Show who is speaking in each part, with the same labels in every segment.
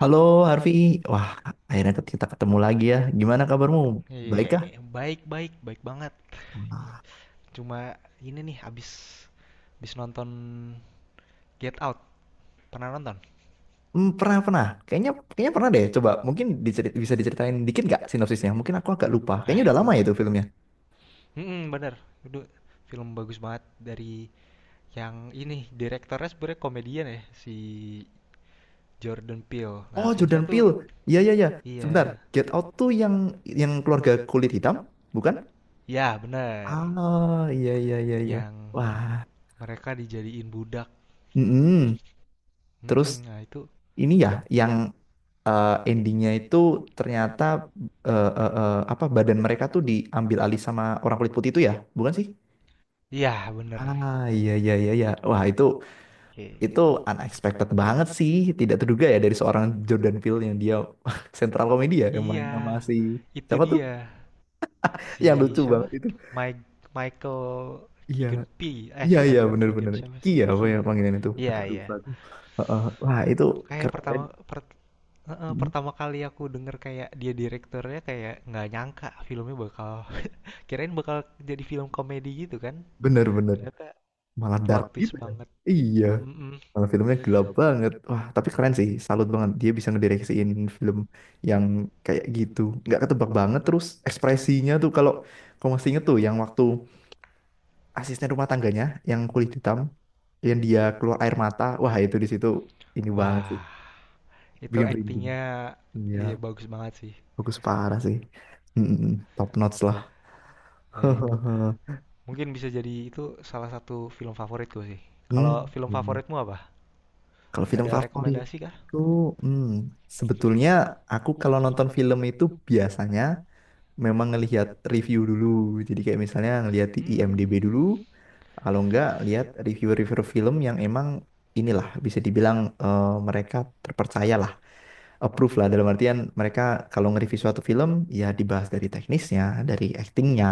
Speaker 1: Halo Harvey, wah akhirnya kita ketemu lagi ya. Gimana kabarmu? Baik
Speaker 2: Iya,
Speaker 1: kah?
Speaker 2: baik baik baik banget. Cuma ini nih abis abis nonton Get Out. Pernah nonton?
Speaker 1: Hmm, pernah pernah. Kayaknya kayaknya pernah deh. Coba mungkin bisa diceritain dikit nggak sinopsisnya? Mungkin aku agak lupa.
Speaker 2: Ah,
Speaker 1: Kayaknya udah lama ya
Speaker 2: itu.
Speaker 1: itu filmnya.
Speaker 2: Bener. Itu film bagus banget dari yang ini direktornya sebenarnya komedian ya, si Jordan Peele. Nah,
Speaker 1: Oh
Speaker 2: filmnya
Speaker 1: Jordan
Speaker 2: tuh
Speaker 1: Peele. Iya iya iya. Sebentar.
Speaker 2: iya.
Speaker 1: Get Out tuh yang keluarga kulit hitam, bukan?
Speaker 2: Ya, bener.
Speaker 1: Ah iya iya iya iya.
Speaker 2: Yang
Speaker 1: Wah.
Speaker 2: mereka dijadiin budak.
Speaker 1: Mm-mm. Terus
Speaker 2: Nah, itu
Speaker 1: ini ya yang endingnya itu ternyata apa badan mereka tuh diambil alih sama orang kulit putih itu ya, bukan sih?
Speaker 2: iya bener.
Speaker 1: Ah iya iya iya iya. Wah itu
Speaker 2: Oke.
Speaker 1: itu unexpected banget sih, tidak terduga ya dari seorang Jordan Peele yang dia sentral komedi ya yang
Speaker 2: Iya,
Speaker 1: main sama si
Speaker 2: itu
Speaker 1: siapa tuh?
Speaker 2: dia.
Speaker 1: Yang
Speaker 2: Si
Speaker 1: lucu
Speaker 2: siapa?
Speaker 1: banget itu.
Speaker 2: Mike Michael
Speaker 1: Iya
Speaker 2: Keegan P.
Speaker 1: iya iya
Speaker 2: Michael Keegan
Speaker 1: bener-bener.
Speaker 2: siapa?
Speaker 1: Ki ya apa ya
Speaker 2: Key.
Speaker 1: panggilan itu?
Speaker 2: Iya,
Speaker 1: Agak
Speaker 2: iya.
Speaker 1: lupa tuh. Heeh. Wah itu
Speaker 2: Kayak
Speaker 1: keren.
Speaker 2: pertama per- pertama kali aku denger kayak dia direkturnya, kayak nggak nyangka filmnya bakal kirain bakal jadi film komedi gitu kan.
Speaker 1: Bener-bener
Speaker 2: Ternyata
Speaker 1: malah
Speaker 2: plot
Speaker 1: dark
Speaker 2: twist
Speaker 1: gitu ya.
Speaker 2: banget.
Speaker 1: Iya.
Speaker 2: Mm-mm.
Speaker 1: Malah filmnya gelap banget. Wah, tapi keren sih. Salut banget. Dia bisa ngedireksiin film yang kayak gitu. Nggak ketebak banget. Terus ekspresinya tuh kalau kamu masih inget tuh yang waktu asisten rumah tangganya yang kulit hitam, yang dia keluar air mata. Wah, itu di situ ini banget sih.
Speaker 2: Wah, itu
Speaker 1: Bikin merinding.
Speaker 2: actingnya iya
Speaker 1: Iya,
Speaker 2: bagus banget sih.
Speaker 1: bagus parah sih. Mm-mm, top notch lah.
Speaker 2: Eh, Mungkin bisa jadi itu salah satu film favoritku sih.
Speaker 1: Hmm.
Speaker 2: Kalau film
Speaker 1: Iya.
Speaker 2: favoritmu apa?
Speaker 1: Kalau film
Speaker 2: Ada
Speaker 1: favorit.
Speaker 2: rekomendasi kah?
Speaker 1: Itu, hmm, sebetulnya aku kalau nonton film itu biasanya memang ngelihat review dulu. Jadi kayak misalnya ngelihat di IMDb
Speaker 2: Hmm.
Speaker 1: dulu, kalau enggak lihat review-review film yang emang inilah bisa dibilang mereka terpercaya approve lah dalam artian mereka kalau nge-review suatu film ya dibahas dari teknisnya, dari actingnya,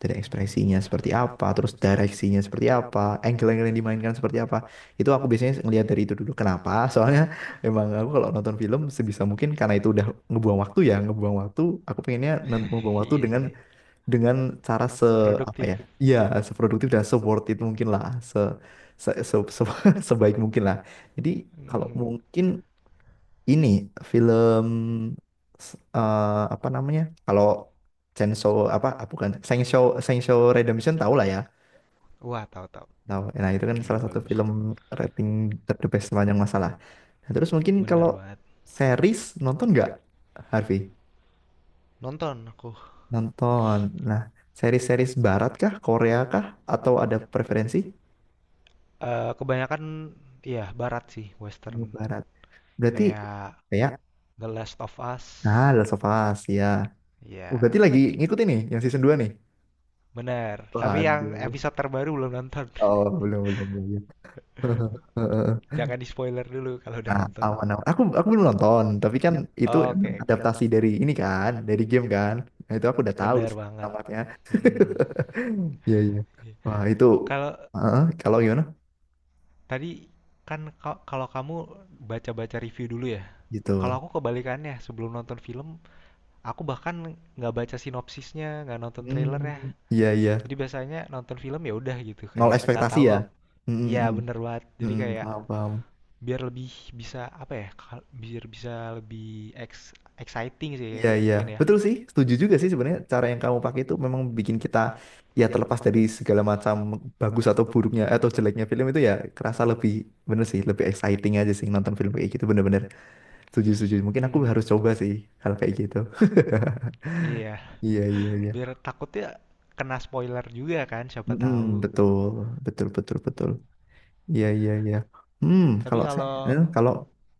Speaker 1: dari ekspresinya seperti apa, terus direksinya seperti apa, angle-angle yang dimainkan seperti apa. Itu aku biasanya ngelihat dari itu dulu. Kenapa? Soalnya emang aku kalau nonton film sebisa mungkin karena itu udah ngebuang waktu ya, ngebuang waktu. Aku pengennya ngebuang waktu
Speaker 2: Iya
Speaker 1: dengan
Speaker 2: iya,
Speaker 1: cara se apa
Speaker 2: produktif.
Speaker 1: ya? Iya, seproduktif dan se worth it mungkin lah, se, se, se- se- sebaik mungkin lah. Jadi kalau
Speaker 2: Mhm.
Speaker 1: mungkin ini film s- eh, apa namanya? Kalau Chainsaw apa ah, bukan Chainsaw Chainsaw Redemption tahu lah ya.
Speaker 2: Wah, tahu tahu,
Speaker 1: Tahu. Nah, itu kan
Speaker 2: juga
Speaker 1: salah satu
Speaker 2: bagus.
Speaker 1: film rating ter the best sepanjang masalah. Nah, terus mungkin
Speaker 2: Bener
Speaker 1: kalau
Speaker 2: banget.
Speaker 1: series nonton nggak Harvey?
Speaker 2: Nonton aku,
Speaker 1: Nonton. Nah, series-series barat kah, Korea kah atau ada preferensi?
Speaker 2: kebanyakan iya barat sih, western.
Speaker 1: Oh, Barat. Berarti
Speaker 2: Kayak
Speaker 1: kayak
Speaker 2: The Last of Us,
Speaker 1: ah Last of Us ya. Oh,
Speaker 2: ya
Speaker 1: berarti lagi ngikutin nih yang season 2 nih.
Speaker 2: bener, tapi yang
Speaker 1: Waduh.
Speaker 2: episode terbaru belum nonton.
Speaker 1: Oh, belum belum belum.
Speaker 2: Jangan di-spoiler dulu kalau udah
Speaker 1: Nah,
Speaker 2: nonton.
Speaker 1: awan awan. Aku belum nonton, tapi kan itu
Speaker 2: Oke oke,
Speaker 1: adaptasi dari ini kan, dari game kan. Nah, itu aku udah tahu
Speaker 2: bener
Speaker 1: sih
Speaker 2: banget,
Speaker 1: tamatnya.
Speaker 2: mhm.
Speaker 1: Iya iya.
Speaker 2: Iya.
Speaker 1: Wah itu.
Speaker 2: Kalau
Speaker 1: Heeh, kalau gimana?
Speaker 2: tadi kan kalau kamu baca-baca review dulu ya?
Speaker 1: Gitu.
Speaker 2: Kalau aku kebalikannya, sebelum nonton film, aku bahkan nggak baca sinopsisnya, nggak nonton trailer
Speaker 1: Hmm,
Speaker 2: ya.
Speaker 1: iya iya.
Speaker 2: Jadi biasanya nonton film ya udah gitu
Speaker 1: Nol
Speaker 2: kayak nggak
Speaker 1: ekspektasi
Speaker 2: tahu
Speaker 1: ya.
Speaker 2: apa.
Speaker 1: Hmm, hmm,
Speaker 2: Ya
Speaker 1: hmm.
Speaker 2: bener banget. Jadi
Speaker 1: Hmm,
Speaker 2: kayak
Speaker 1: paham paham.
Speaker 2: biar lebih bisa apa ya? Biar bisa lebih exciting sih ya,
Speaker 1: Iya, iya.
Speaker 2: mungkin ya.
Speaker 1: Betul sih. Setuju juga sih sebenarnya cara yang kamu pakai itu memang bikin kita ya terlepas dari segala macam bagus atau buruknya atau jeleknya film itu ya kerasa lebih bener sih, lebih exciting aja sih nonton film kayak gitu bener-bener. Setuju, setuju. Mungkin aku harus
Speaker 2: Hmm,
Speaker 1: coba sih hal kayak gitu.
Speaker 2: iya.
Speaker 1: Iya, iya, iya.
Speaker 2: Biar takutnya kena spoiler juga kan, siapa
Speaker 1: Mm-mm,
Speaker 2: tahu.
Speaker 1: betul, betul, betul, betul. Iya, iya, iya. Hmm,
Speaker 2: Tapi
Speaker 1: kalau saya,
Speaker 2: kalau
Speaker 1: eh, kalau,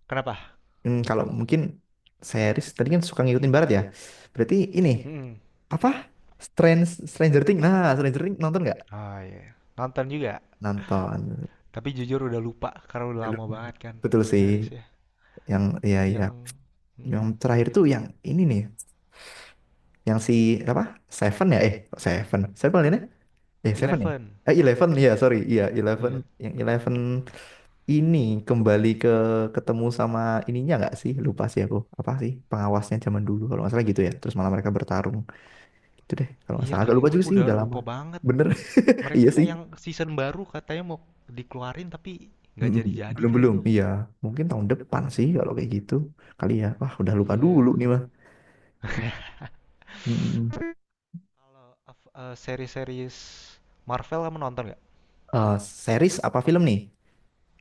Speaker 2: kenapa?
Speaker 1: hmm, kalau
Speaker 2: Kamu?
Speaker 1: mungkin series tadi kan suka ngikutin barat ya. Berarti ini
Speaker 2: Hmm.
Speaker 1: apa Strange Stranger Things, nah Stranger Things nonton nggak
Speaker 2: Oh iya. Nonton juga.
Speaker 1: nonton.
Speaker 2: Tapi jujur udah lupa karena udah
Speaker 1: Betul,
Speaker 2: lama banget kan
Speaker 1: betul
Speaker 2: itu
Speaker 1: sih
Speaker 2: series ya.
Speaker 1: yang iya iya
Speaker 2: Yang mm,
Speaker 1: yang terakhir tuh yang ini nih yang si apa Seven ya eh kok Seven Seven ini eh Seven ya
Speaker 2: Eleven.
Speaker 1: eh Eleven ya sorry iya Eleven
Speaker 2: Iya.
Speaker 1: yang Eleven ini kembali ke ketemu sama ininya nggak sih lupa sih aku apa sih pengawasnya zaman dulu kalau nggak salah gitu ya terus malah mereka bertarung gitu deh kalau nggak
Speaker 2: Iya
Speaker 1: salah agak
Speaker 2: kayak
Speaker 1: lupa
Speaker 2: aku
Speaker 1: juga sih
Speaker 2: udah
Speaker 1: udah lama
Speaker 2: lupa banget.
Speaker 1: bener. Iya
Speaker 2: Mereka
Speaker 1: sih.
Speaker 2: yang season baru katanya mau dikeluarin tapi nggak
Speaker 1: Mm,
Speaker 2: jadi-jadi
Speaker 1: belum belum,
Speaker 2: kayaknya.
Speaker 1: iya. Mungkin tahun depan sih
Speaker 2: Mm-mm.
Speaker 1: kalau kayak gitu kali ya. Wah, udah lupa dulu
Speaker 2: Iya.
Speaker 1: nih mah. Mm,
Speaker 2: Kalau seri-series Marvel kamu nonton nggak?
Speaker 1: eh, series apa film nih?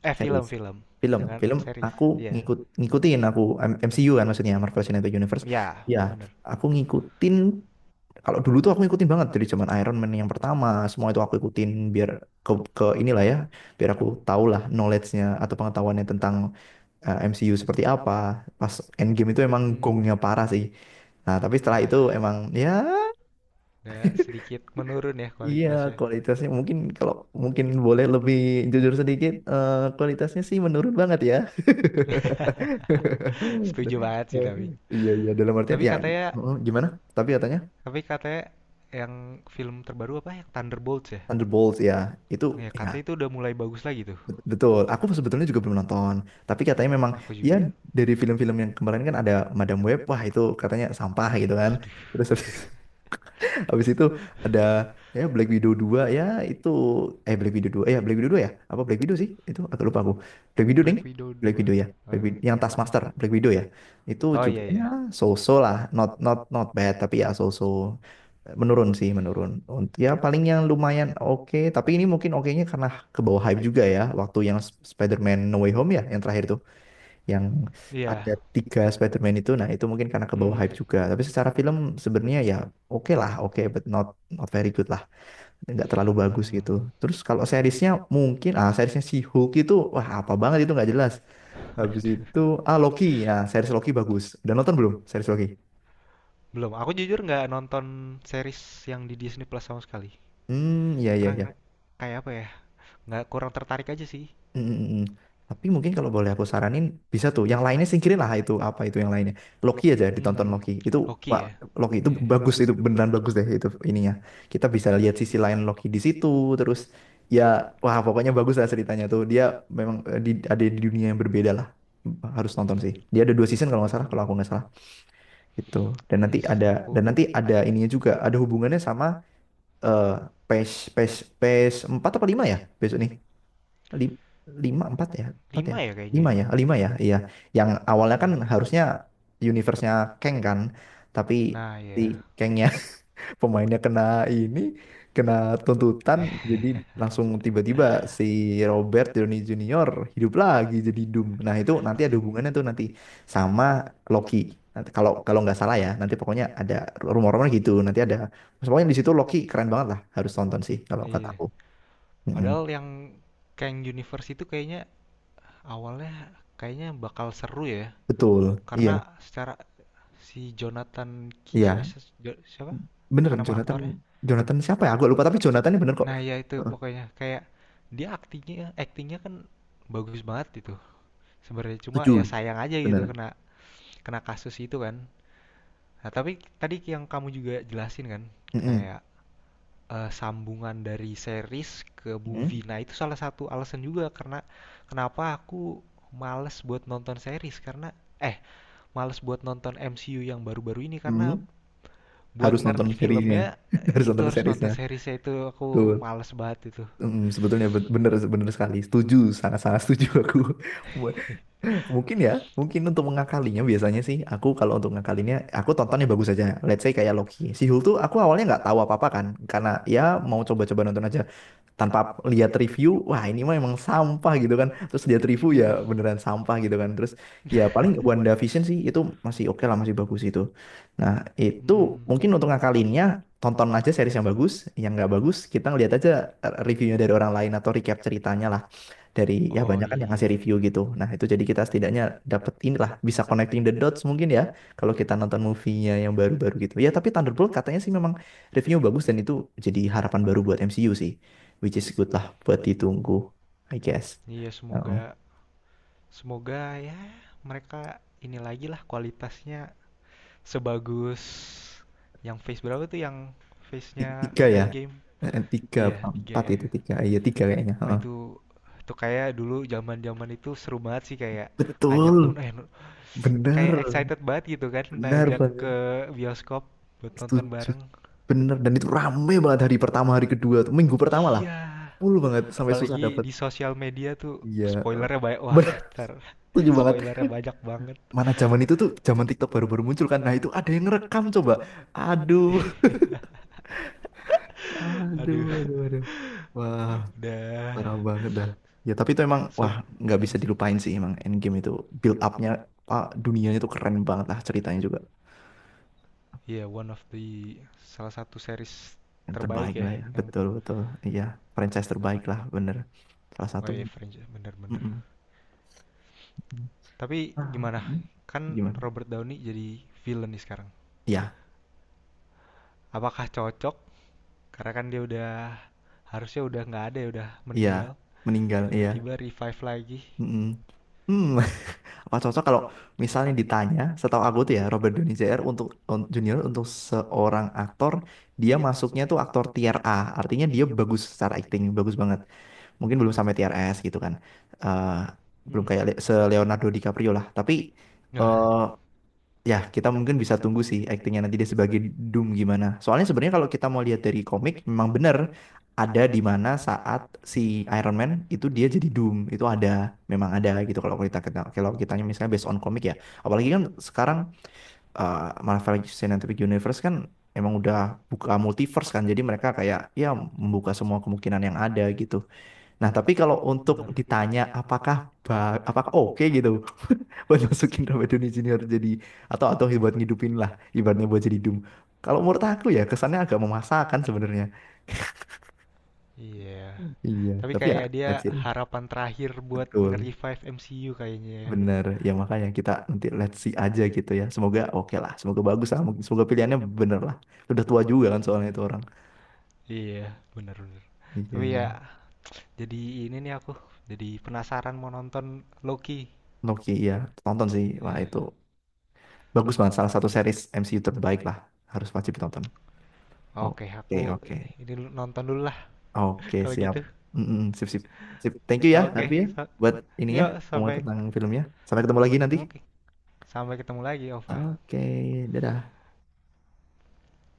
Speaker 2: Eh
Speaker 1: Series.
Speaker 2: film-film,
Speaker 1: Film,
Speaker 2: jangan
Speaker 1: film
Speaker 2: series.
Speaker 1: aku
Speaker 2: Iya.
Speaker 1: ngikutin aku MCU kan maksudnya Marvel Cinematic Universe.
Speaker 2: Iya,
Speaker 1: Ya,
Speaker 2: bener.
Speaker 1: aku ngikutin kalau dulu tuh aku ngikutin banget dari zaman Iron Man yang pertama, semua itu aku ikutin biar ke ke inilah ya, biar aku tahu lah knowledge-nya atau pengetahuannya tentang M C U seperti apa. Pas Endgame itu emang
Speaker 2: Mm-mm.
Speaker 1: gongnya parah sih. Nah, tapi setelah itu
Speaker 2: Wah,
Speaker 1: emang ya
Speaker 2: nggak sedikit menurun ya
Speaker 1: iya
Speaker 2: kualitasnya.
Speaker 1: kualitasnya mungkin kalau mungkin boleh lebih jujur sedikit kualitasnya sih menurun banget ya.
Speaker 2: Setuju banget sih tapi.
Speaker 1: Iya iya dalam artian
Speaker 2: Tapi
Speaker 1: ya
Speaker 2: katanya,
Speaker 1: heeh, gimana? Tapi katanya
Speaker 2: tapi katanya yang film terbaru apa yang Thunderbolts ya?
Speaker 1: Thunderbolts ya itu
Speaker 2: Ya
Speaker 1: ya
Speaker 2: katanya itu udah mulai bagus lagi tuh.
Speaker 1: betul. Aku sebetulnya juga belum nonton. Tapi katanya memang
Speaker 2: Aku
Speaker 1: ya
Speaker 2: juga
Speaker 1: dari film-film yang kemarin kan ada Madam Web, wah itu katanya sampah gitu kan.
Speaker 2: aduh,
Speaker 1: Terus
Speaker 2: itu
Speaker 1: habis itu ada ya Black Widow 2 ya itu Black Widow 2 ya apa Black Widow sih itu agak lupa aku Black Widow ding
Speaker 2: Black Widow
Speaker 1: Black
Speaker 2: dua.
Speaker 1: Widow ya Black
Speaker 2: Eh,
Speaker 1: Widow yang
Speaker 2: heeh.
Speaker 1: Taskmaster Black Widow ya itu
Speaker 2: Oh
Speaker 1: juga
Speaker 2: iya
Speaker 1: ya
Speaker 2: iya.
Speaker 1: so-so lah not not not bad tapi ya so-so menurun sih menurun. Ya paling yang lumayan oke tapi ini mungkin okenya karena ke bawah hype juga ya waktu yang Spider-Man No Way Home ya yang terakhir itu yang ada
Speaker 2: Iya.
Speaker 1: tiga Spider-Man itu nah itu mungkin karena ke bawah
Speaker 2: Mhm,
Speaker 1: hype juga tapi secara film sebenarnya ya oke lah oke but not not very good lah nggak terlalu bagus gitu.
Speaker 2: mmm,
Speaker 1: Terus kalau
Speaker 2: mhm.
Speaker 1: seriesnya mungkin ah seriesnya si Hulk itu wah apa banget itu nggak jelas. Habis itu ah Loki ya series Loki bagus udah nonton belum series Loki
Speaker 2: Belum, aku jujur nggak nonton series yang di Disney Plus sama sekali.
Speaker 1: hmm iya iya
Speaker 2: Karena
Speaker 1: iya.
Speaker 2: kayak apa ya, nggak kurang tertarik aja sih.
Speaker 1: Mm, mm, mm. Tapi mungkin kalau boleh aku saranin bisa tuh. Yang lainnya singkirin lah itu apa itu yang lainnya. Loki aja ditonton
Speaker 2: Mhm,
Speaker 1: Loki. Itu
Speaker 2: Loki
Speaker 1: wah
Speaker 2: ya?
Speaker 1: Loki itu
Speaker 2: Iya iya.
Speaker 1: bagus itu beneran bagus deh itu ininya. Kita bisa lihat sisi lain Loki di situ terus ya wah pokoknya bagus lah ceritanya tuh. Dia memang ada di dunia yang berbeda lah. Harus nonton sih. Dia ada dua season kalau nggak salah
Speaker 2: I
Speaker 1: kalau aku nggak salah gitu. Dan nanti
Speaker 2: iya sih,
Speaker 1: ada
Speaker 2: aku
Speaker 1: dan nanti ada ininya juga ada hubungannya sama eh PES PES PES 4 apa 5 ya besok nih. Lim- Lima empat ya
Speaker 2: 5 ya kayaknya
Speaker 1: lima
Speaker 2: ya?
Speaker 1: ya lima ya iya yang awalnya kan
Speaker 2: Iya.
Speaker 1: harusnya universe-nya Kang kan tapi
Speaker 2: Nah
Speaker 1: si
Speaker 2: iya,
Speaker 1: Kangnya pemainnya kena ini kena tuntutan jadi langsung tiba-tiba si Robert Downey Junior hidup lagi jadi Doom. Nah itu nanti ada
Speaker 2: seng
Speaker 1: hubungannya tuh nanti sama Loki. Nanti kalau kalau nggak salah ya nanti pokoknya ada rumor-rumor gitu nanti ada pokoknya di situ Loki keren banget lah harus tonton sih kalau
Speaker 2: iya.
Speaker 1: kataku. Mm-mm.
Speaker 2: Padahal yang Kang Universe itu kayaknya awalnya kayaknya bakal seru ya,
Speaker 1: Betul iya.
Speaker 2: karena secara si Jonathan Keys
Speaker 1: Iya,
Speaker 2: siapa
Speaker 1: beneran
Speaker 2: nama
Speaker 1: Jonathan,
Speaker 2: aktornya,
Speaker 1: Jonathan siapa ya aku lupa tapi Jonathan ini bener kok.
Speaker 2: nah ya itu
Speaker 1: Heeh,
Speaker 2: pokoknya kayak dia aktingnya aktingnya kan bagus banget itu sebenarnya, cuma
Speaker 1: tujuh
Speaker 2: ya sayang aja
Speaker 1: bener.
Speaker 2: gitu kena kena kasus itu kan. Nah tapi tadi yang kamu juga jelasin kan
Speaker 1: Mm-mm.
Speaker 2: kayak sambungan dari series ke
Speaker 1: Mm-mm.
Speaker 2: movie, nah itu salah satu alasan juga, karena kenapa aku males buat nonton series, karena eh males buat nonton MCU yang baru-baru ini, karena
Speaker 1: Mm-mm.
Speaker 2: buat
Speaker 1: Harus nonton
Speaker 2: ngerti
Speaker 1: serinya.
Speaker 2: filmnya,
Speaker 1: Harus
Speaker 2: itu
Speaker 1: nonton
Speaker 2: harus nonton
Speaker 1: seriesnya
Speaker 2: seriesnya, itu aku
Speaker 1: tuh.
Speaker 2: males banget itu.
Speaker 1: Mm, sebetulnya bener bener sekali setuju sangat sangat setuju aku. Mungkin ya mungkin untuk mengakalinya biasanya sih aku kalau untuk ngakalinya aku tontonnya bagus aja let's say kayak Loki, si Hulk tuh aku awalnya nggak tahu apa apa kan karena ya mau coba-coba nonton aja tanpa lihat review wah ini mah emang sampah gitu kan terus lihat review
Speaker 2: Mm-mm.
Speaker 1: ya beneran sampah gitu kan terus ya paling WandaVision sih itu masih oke lah masih bagus itu. Nah itu
Speaker 2: Mm-mm.
Speaker 1: mungkin untuk ngakalinnya tonton aja series yang bagus, yang nggak bagus kita ngeliat aja reviewnya dari orang lain atau recap ceritanya lah dari ya
Speaker 2: Oh
Speaker 1: banyak kan yang
Speaker 2: iya
Speaker 1: ngasih review
Speaker 2: iya.
Speaker 1: gitu. Nah, itu jadi kita setidaknya dapat inilah bisa connecting the dots mungkin ya kalau kita nonton movie-nya yang baru-baru gitu. Ya, tapi Thunderbolt katanya sih memang reviewnya bagus dan itu jadi harapan baru buat MCU sih. Which is good lah buat ditunggu, I guess.
Speaker 2: Iya
Speaker 1: Heeh.
Speaker 2: semoga, semoga ya mereka ini lagi lah kualitasnya sebagus yang phase berapa tuh yang phase nya
Speaker 1: Tiga ya.
Speaker 2: Endgame.
Speaker 1: Tiga,
Speaker 2: Iya,
Speaker 1: apa
Speaker 2: tiga
Speaker 1: empat
Speaker 2: ya.
Speaker 1: itu tiga. Iya, tiga kayaknya.
Speaker 2: Wah,
Speaker 1: Heeh.
Speaker 2: itu kayak dulu zaman-zaman itu seru banget sih, kayak ngajak temen
Speaker 1: Betul. Bener,
Speaker 2: kayak excited banget gitu kan,
Speaker 1: benar
Speaker 2: ngajak
Speaker 1: banget.
Speaker 2: ke bioskop buat nonton
Speaker 1: Setuju.
Speaker 2: bareng.
Speaker 1: Bener. Dan itu rame banget hari pertama, hari kedua tuh. Minggu pertama lah.
Speaker 2: Iya,
Speaker 1: Full banget. Sampai susah
Speaker 2: apalagi
Speaker 1: dapet.
Speaker 2: di sosial media tuh
Speaker 1: Iya.
Speaker 2: spoilernya banyak. Wah,
Speaker 1: Benar,
Speaker 2: ntar
Speaker 1: setuju banget.
Speaker 2: spoilernya banyak banget.
Speaker 1: Mana zaman itu tuh, zaman TikTok baru-baru muncul kan. Nah itu ada yang ngerekam coba. Aduh, aduh,
Speaker 2: Aduh,
Speaker 1: aduh, aduh. Wah,
Speaker 2: udah
Speaker 1: parah banget dah. Ya tapi itu emang,
Speaker 2: se
Speaker 1: wah nggak bisa
Speaker 2: mm,
Speaker 1: dilupain sih emang Endgame itu. Build up-nya, Pak, dunianya itu keren banget lah ceritanya juga.
Speaker 2: iya, one of the salah satu series
Speaker 1: Yang terbaik
Speaker 2: terbaik ya
Speaker 1: lah ya,
Speaker 2: yang
Speaker 1: betul-betul. Iya, franchise terbaik lah, bener. Salah
Speaker 2: oh
Speaker 1: satu.
Speaker 2: iya franchise bener-bener.
Speaker 1: Mm-mm.
Speaker 2: Tapi
Speaker 1: Ah,
Speaker 2: gimana?
Speaker 1: mm-mm.
Speaker 2: Kan
Speaker 1: Gimana?
Speaker 2: Robert Downey jadi villain nih sekarang.
Speaker 1: Iya,
Speaker 2: Apakah cocok? Karena kan dia udah harusnya udah nggak ada ya udah
Speaker 1: iya.
Speaker 2: meninggal.
Speaker 1: Meninggal, iya.
Speaker 2: Tiba-tiba revive lagi.
Speaker 1: Mm-mm. Hmm. Pak cocok kalau misalnya ditanya, setahu aku tuh ya Robert Downey Jr. untuk junior untuk seorang aktor dia masuknya tuh aktor tier A, artinya dia bagus secara acting, bagus banget. Mungkin belum sampai tier S gitu kan, eh belum
Speaker 2: Mm.
Speaker 1: kayak Le- se Leonardo DiCaprio lah. Tapi
Speaker 2: Nah,
Speaker 1: eh,
Speaker 2: aduh,
Speaker 1: ya, kita mungkin bisa tunggu sih aktingnya nanti dia sebagai Doom gimana. Soalnya sebenarnya kalau kita mau lihat dari komik, memang benar ada di mana saat si Iron Man itu dia jadi Doom. Itu ada, memang ada gitu kalau kita misalnya based on komik ya. Apalagi kan sekarang Marvel Cinematic Universe kan emang udah buka multiverse kan. Jadi mereka kayak ya membuka semua kemungkinan yang ada gitu. Nah, tapi kalau untuk
Speaker 2: bener.
Speaker 1: ditanya apakah oke gitu buat masukin Robert Downey Junior jadi atau buat ngidupin lah ibaratnya buat jadi Doom. Kalau menurut aku ya kesannya agak memaksakan sebenarnya.
Speaker 2: Iya. Yeah,
Speaker 1: Iya,
Speaker 2: tapi
Speaker 1: tapi ya
Speaker 2: kayak dia
Speaker 1: let's see lah.
Speaker 2: harapan terakhir buat
Speaker 1: Betul.
Speaker 2: nge-revive MCU kayaknya ya.
Speaker 1: Bener. Ya makanya kita nanti let's see aja gitu ya. Semoga oke lah, semoga bagus lah. Mungkin- semoga pilihannya bener lah. Udah tua juga kan soalnya
Speaker 2: Hmm,
Speaker 1: itu orang.
Speaker 2: iya, bener-bener.
Speaker 1: Iya,
Speaker 2: Tapi ya
Speaker 1: iya.
Speaker 2: jadi ini nih aku jadi penasaran mau nonton Loki.
Speaker 1: Noki iya, tonton sih. Wah,
Speaker 2: Iya.
Speaker 1: itu bagus banget salah satu series MCU terbaik lah. Harus wajib ditonton.
Speaker 2: Oke,
Speaker 1: Oke,
Speaker 2: aku
Speaker 1: oke.
Speaker 2: nonton dulu lah
Speaker 1: Oke,
Speaker 2: kalau
Speaker 1: siap.
Speaker 2: gitu.
Speaker 1: Mm-mm, sip, sip, sip. Thank you ya,
Speaker 2: Oke,
Speaker 1: Harvey ya,
Speaker 2: sa-
Speaker 1: buat ininya,
Speaker 2: yuk
Speaker 1: ngomong
Speaker 2: sampai
Speaker 1: tentang filmnya. Sampai ketemu lagi nanti.
Speaker 2: oke, sampai ketemu lagi, Ova.
Speaker 1: Oke, dadah.